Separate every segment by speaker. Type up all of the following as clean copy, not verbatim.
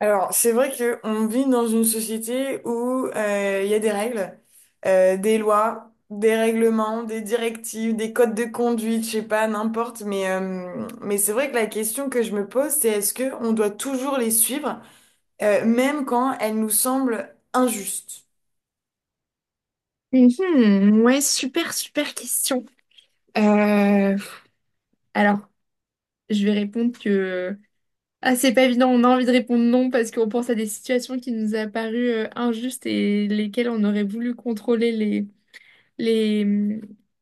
Speaker 1: Alors, c'est vrai qu'on vit dans une société où il y a des règles, des lois, des règlements, des directives, des codes de conduite, je sais pas, n'importe. Mais c'est vrai que la question que je me pose, c'est est-ce qu'on doit toujours les suivre, même quand elles nous semblent injustes?
Speaker 2: Mhm, ouais, super, super question. Euh, alors, je vais répondre que... Ah, c'est pas évident, on a envie de répondre non parce qu'on pense à des situations qui nous a paru injustes et lesquelles on aurait voulu contrôler les,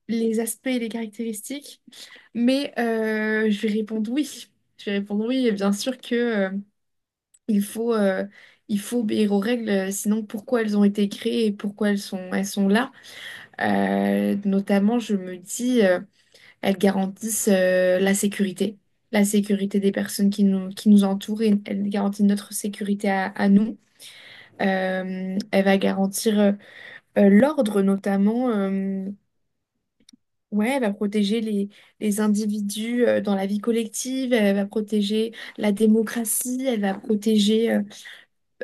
Speaker 2: les aspects et les caractéristiques. Mais je vais répondre oui. Je vais répondre oui, et bien sûr que il il faut obéir aux règles, sinon pourquoi elles ont été créées et pourquoi elles sont là. Notamment, je me dis... Elles garantissent la sécurité des personnes qui nous entourent et elles garantissent notre sécurité à nous. Elle va garantir l'ordre notamment. Ouais, elle va les individus dans la vie collective, elle va protéger la démocratie, elle va protéger euh,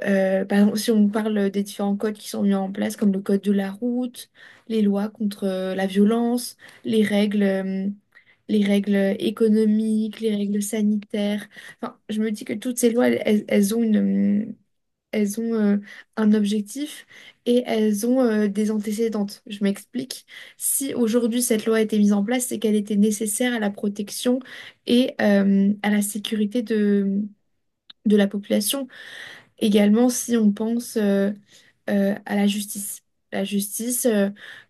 Speaker 2: euh, par exemple, si on parle des différents codes qui sont mis en place, comme le code de la route, les lois contre la violence, les règles, euh, les règles économiques, les règles sanitaires. Enfin, je me dis que toutes ces lois, elles ont euh, elles ont un objectif et elles ont des antécédentes. Je m'explique. Si aujourd'hui cette loi a été mise en place, c'est qu'elle était nécessaire à la protection et à la sécurité de la population. Également, si on pense à la justice. La justice, euh,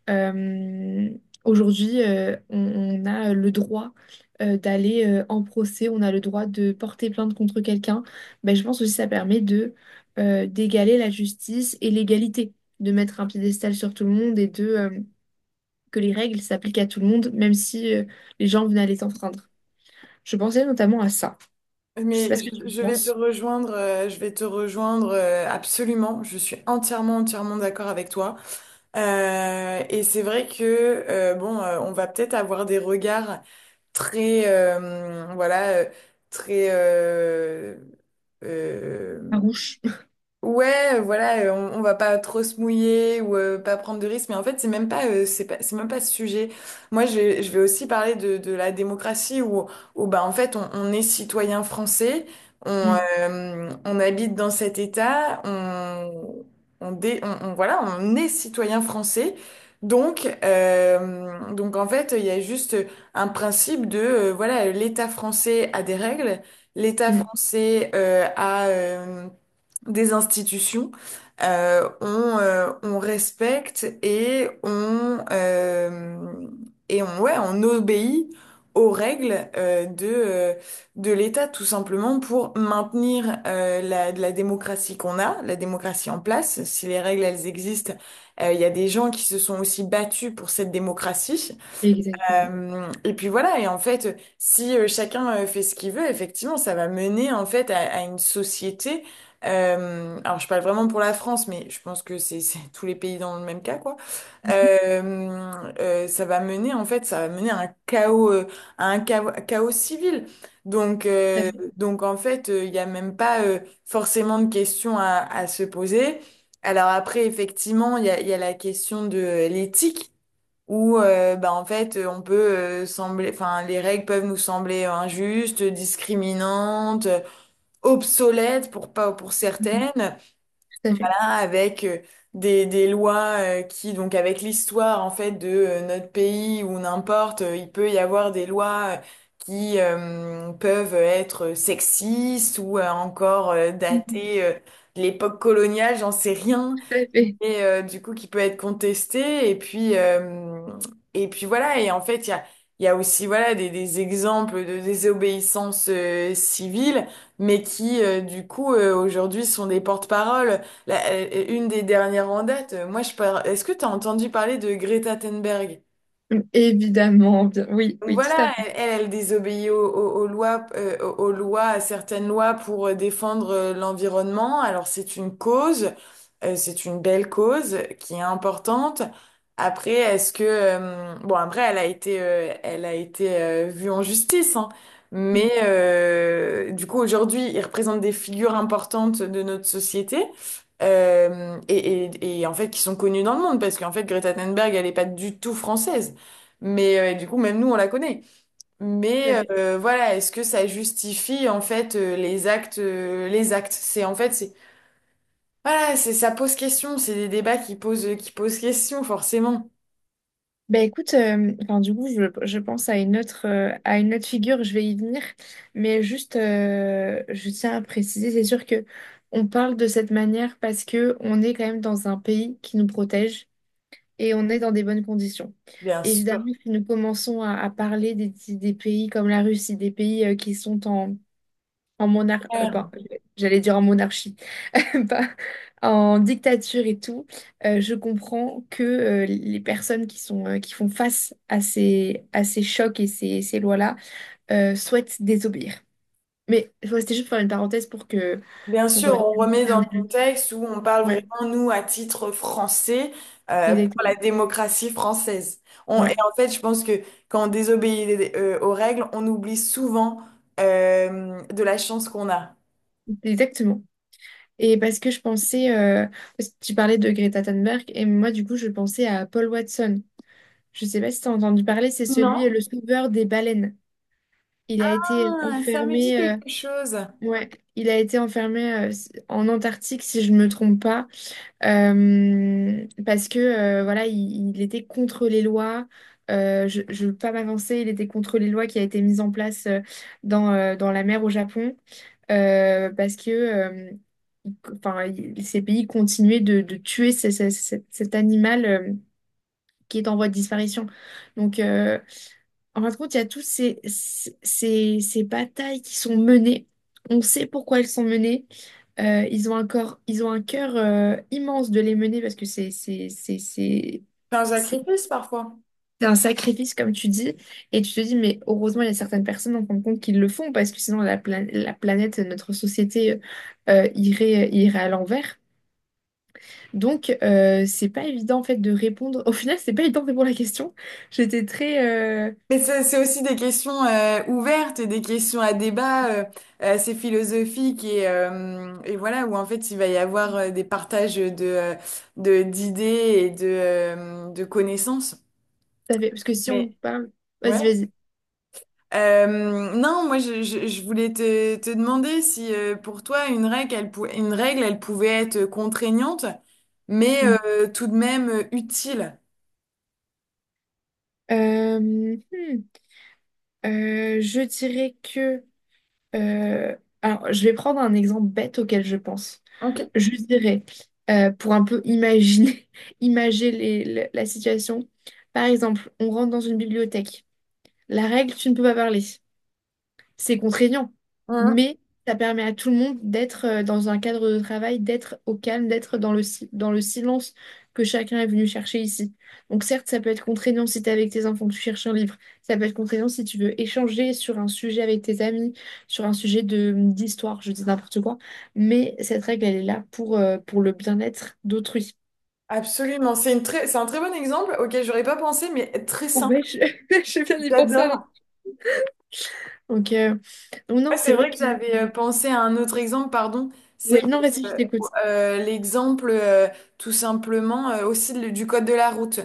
Speaker 2: euh, aujourd'hui, on a le droit d'aller en procès, on a le droit de porter plainte contre quelqu'un. Ben, je pense aussi que ça permet de d'égaler la justice et l'égalité, de mettre un piédestal sur tout le monde et de que les règles s'appliquent à tout le monde, même si les gens venaient à les enfreindre. Je pensais notamment à ça. Je sais pas
Speaker 1: Mais
Speaker 2: ce que tu
Speaker 1: je,
Speaker 2: en
Speaker 1: je vais te
Speaker 2: penses.
Speaker 1: rejoindre, je vais te rejoindre absolument. Je suis entièrement, entièrement d'accord avec toi. Et c'est vrai que bon, on va peut-être avoir des regards très, voilà, très euh,
Speaker 2: Farouche.
Speaker 1: ouais, voilà, on va pas trop se mouiller ou pas prendre de risques, mais en fait, c'est même pas, c'est même pas ce sujet. Moi, je vais aussi parler de la démocratie où bah, en fait, on est citoyen français,
Speaker 2: Mm,
Speaker 1: on habite dans cet État, on, dé- on- voilà, on est citoyen français. Donc en fait, il y a juste un principe voilà, l'État français a des règles, l'État
Speaker 2: mm,
Speaker 1: français a... des institutions, euh, on, on respecte et ouais, on obéit aux règles de l'État, tout simplement pour maintenir la démocratie qu'on a, la démocratie en place. Si les règles, elles existent, il y a des gens qui se sont aussi battus pour cette démocratie.
Speaker 2: exactement.
Speaker 1: Et puis voilà, et en fait, si chacun fait ce qu'il veut, effectivement, ça va mener en fait à une société. Alors, je parle vraiment pour la France, mais je pense que c'est tous les pays dans le même cas, quoi. Euh, Ça va mener en fait, ça va mener à un chaos, chaos civil. Donc,
Speaker 2: Tout à
Speaker 1: euh,
Speaker 2: fait.
Speaker 1: donc en fait, il n'y a même pas forcément de questions à se poser. Alors après, effectivement, il y a la question de l'éthique où bah, en fait on peut sembler enfin les règles peuvent nous sembler injustes, discriminantes, obsolètes pour pas pour certaines.
Speaker 2: Tout à fait.
Speaker 1: Là, avec des lois qui donc avec l'histoire en fait de notre pays ou n'importe il peut y avoir des lois qui peuvent être sexistes ou encore
Speaker 2: Mhm.
Speaker 1: datées de l'époque coloniale, j'en sais rien,
Speaker 2: Tout à fait.
Speaker 1: et du coup qui peut être contesté et puis et puis voilà, et en fait il y a aussi voilà des exemples de désobéissance civile, mais qui du coup aujourd'hui sont des porte-parole. Une des dernières en date, moi je par... est-ce que tu as entendu parler de Greta Thunberg?
Speaker 2: Mm, évidemment, oui,
Speaker 1: Donc
Speaker 2: oui, tout à
Speaker 1: voilà,
Speaker 2: fait.
Speaker 1: elle désobéit aux lois, aux lois, à certaines lois pour défendre l'environnement. Alors c'est une cause, c'est une belle cause qui est importante. Après, est-ce que bon après elle a été vue en justice, hein. Mais
Speaker 2: Mm,
Speaker 1: du coup aujourd'hui ils représentent des figures importantes de notre société. Et en fait qui sont connues dans le monde parce qu'en fait Greta Thunberg elle n'est pas du tout française. Mais du coup, même nous, on la connaît.
Speaker 2: tout
Speaker 1: Mais
Speaker 2: à fait.
Speaker 1: voilà, est-ce que ça justifie en fait les actes? C'est en fait, c'est voilà, c'est ça pose question. C'est des débats qui posent question forcément.
Speaker 2: Bah écoute, enfin, du coup, je pense à une autre, à une autre figure, je vais y venir, mais juste, je tiens à préciser, c'est sûr que on parle de cette manière parce que on est quand même dans un pays qui nous protège et on est dans des bonnes conditions.
Speaker 1: Bien sûr.
Speaker 2: Évidemment, si nous commençons à parler des pays comme la Russie, des pays qui sont en monarchie, j'allais dire en monarchie bah, en dictature et tout, je comprends que les personnes qui sont, qui font face à à ces chocs et ces lois-là souhaitent désobéir. Mais ouais, c'était juste pour faire une parenthèse pour que
Speaker 1: Bien
Speaker 2: pour
Speaker 1: sûr, on remet dans le
Speaker 2: terminer le-
Speaker 1: contexte où on parle
Speaker 2: ouais,
Speaker 1: vraiment nous à titre français, pour la
Speaker 2: exactement.
Speaker 1: démocratie française. Et
Speaker 2: Ouais,
Speaker 1: en fait, je pense que quand on désobéit aux règles, on oublie souvent de la chance qu'on a.
Speaker 2: exactement. Et parce que je pensais, parce que tu parlais de Greta Thunberg, et moi du coup je pensais à Paul Watson. Je sais pas si tu as entendu parler, c'est celui,
Speaker 1: Non?
Speaker 2: le sauveur des baleines. Il a été
Speaker 1: Ah, ça me dit
Speaker 2: enfermé
Speaker 1: quelque chose.
Speaker 2: ouais, il a été enfermé en Antarctique, si je ne me trompe pas, parce que voilà, il était contre les lois. Je ne veux pas m'avancer, il était contre les lois qui a été mises en place dans, dans la mer au Japon, parce que il- enfin, ces pays continuaient de tuer cet animal qui est en voie de disparition. Donc, en fin de compte, il y a toutes ces batailles qui sont menées. On sait pourquoi elles sont menées. Ils ont un corps, ils ont un cœur immense de les mener parce que
Speaker 1: Enfin, Jacques parfois.
Speaker 2: c'est un sacrifice comme tu dis et tu te dis mais heureusement il y a certaines personnes en fin de compte qui le font parce que sinon la planète notre société irait à l'envers donc c'est pas évident en fait de répondre au final c'est pas évident de répondre à la question j'étais très euh,
Speaker 1: Mais c'est aussi des questions ouvertes, et des questions à débat, assez philosophiques et voilà, où en fait il va y avoir des partages d'idées de connaissances.
Speaker 2: parce que si on
Speaker 1: Mais
Speaker 2: parle vas-y
Speaker 1: ouais.
Speaker 2: vas-y.
Speaker 1: Non, moi je voulais te demander si pour toi une règle, une règle, elle pouvait être contraignante, mais
Speaker 2: Hmm.
Speaker 1: tout de même utile.
Speaker 2: Euh, hmm. Je dirais que Euh, alors, je vais prendre un exemple bête auquel je pense.
Speaker 1: Ok.
Speaker 2: Je dirais, pour un peu imaginer, imager la situation, par exemple, on rentre dans une bibliothèque. La règle, tu ne peux pas parler. C'est contraignant, mais ça permet à tout le monde d'être dans un cadre de travail, d'être au calme, d'être dans le, si- dans le silence que chacun est venu chercher ici. Donc certes, ça peut être contraignant si tu es avec tes enfants, tu cherches un livre. Ça peut être contraignant si tu veux échanger sur un sujet avec tes amis, sur un sujet de d'histoire, je dis n'importe quoi. Mais cette règle, elle est là pour le bien-être d'autrui.
Speaker 1: Absolument, c'est une très, c'est un très bon exemple auquel j'aurais pas pensé, mais très simple.
Speaker 2: Ouais, je viens d'y penser à l'instant.
Speaker 1: J'adore.
Speaker 2: Donc, euh, donc
Speaker 1: Ouais,
Speaker 2: non, c'est
Speaker 1: c'est
Speaker 2: vrai
Speaker 1: vrai
Speaker 2: que...
Speaker 1: que j'avais pensé à un autre exemple, pardon.
Speaker 2: Oui,
Speaker 1: C'est
Speaker 2: non, vas-y, je
Speaker 1: euh,
Speaker 2: t'écoute.
Speaker 1: l'exemple tout simplement aussi le- du code de la route,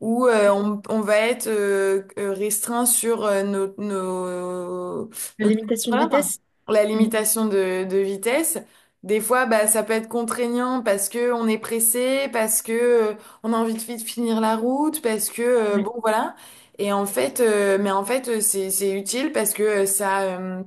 Speaker 1: où
Speaker 2: Euh,
Speaker 1: on va être restreint sur nos, nos
Speaker 2: Limitation de
Speaker 1: kilomètres heure,
Speaker 2: vitesse.
Speaker 1: la
Speaker 2: Hmm.
Speaker 1: limitation de vitesse. Des fois, bah, ça peut être contraignant parce que on est pressé, parce que euh, on a envie de vite finir la route, parce que
Speaker 2: Ouais.
Speaker 1: bon voilà. Et en fait, c'est utile parce que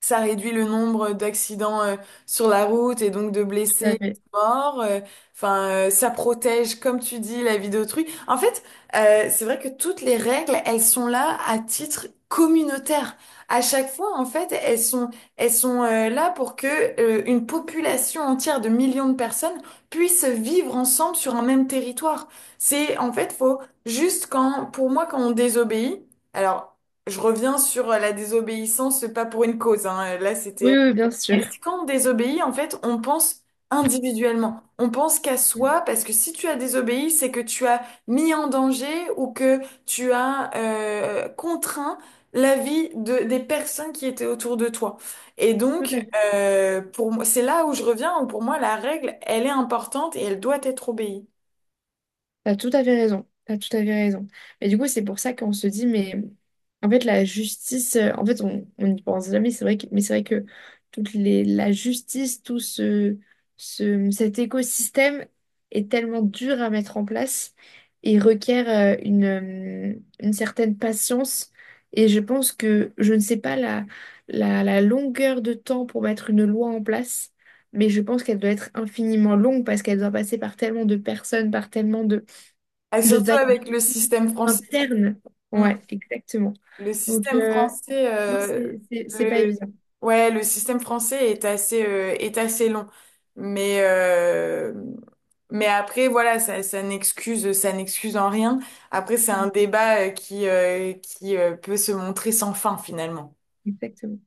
Speaker 1: ça réduit le nombre d'accidents sur la route et donc de
Speaker 2: Tout à
Speaker 1: blessés,
Speaker 2: fait.
Speaker 1: morts. Enfin, ça protège, comme tu dis, la vie d'autrui. En fait, c'est vrai que toutes les règles, elles sont là à titre communautaire. À chaque fois, en fait, elles sont là pour que une population entière de millions de personnes puisse vivre ensemble sur un même territoire. C'est, en fait, faut juste quand, pour moi, quand on désobéit. Alors, je reviens sur la désobéissance, pas pour une cause, hein. Là,
Speaker 2: Oui,
Speaker 1: c'était.
Speaker 2: oui, oui, bien sûr.
Speaker 1: Et c'est quand on désobéit, en fait, on pense individuellement. On pense qu'à
Speaker 2: Tout
Speaker 1: soi, parce que si tu as désobéi, c'est que tu as mis en danger ou que tu as contraint la vie des personnes qui étaient autour de toi. Et
Speaker 2: à
Speaker 1: donc,
Speaker 2: fait.
Speaker 1: pour moi, c'est là où je reviens, où pour moi, la règle, elle est importante et elle doit être obéie.
Speaker 2: T'as tout à fait raison. T'as tout à fait raison. Mais du coup, c'est pour ça qu'on se dit, mais en fait, la justice, en fait, on n'y pense jamais. C'est vrai que, mais c'est vrai que la justice, cet écosystème est tellement dur à mettre en place et requiert une certaine patience. Et je pense que je ne sais pas la longueur de temps pour mettre une loi en place. Mais je pense qu'elle doit être infiniment longue parce qu'elle doit passer par tellement de personnes, par tellement
Speaker 1: Et
Speaker 2: de
Speaker 1: surtout
Speaker 2: validation
Speaker 1: avec le système français.
Speaker 2: interne. Ouais, exactement.
Speaker 1: Le
Speaker 2: Donc,
Speaker 1: système
Speaker 2: euh,
Speaker 1: français,
Speaker 2: non, c'est pas
Speaker 1: le...
Speaker 2: évident.
Speaker 1: ouais, le système français est assez long. Mais, euh, mais après, voilà, ça ça n'excuse en rien. Après, c'est un débat qui, qui peut se montrer sans fin, finalement.
Speaker 2: Exactement.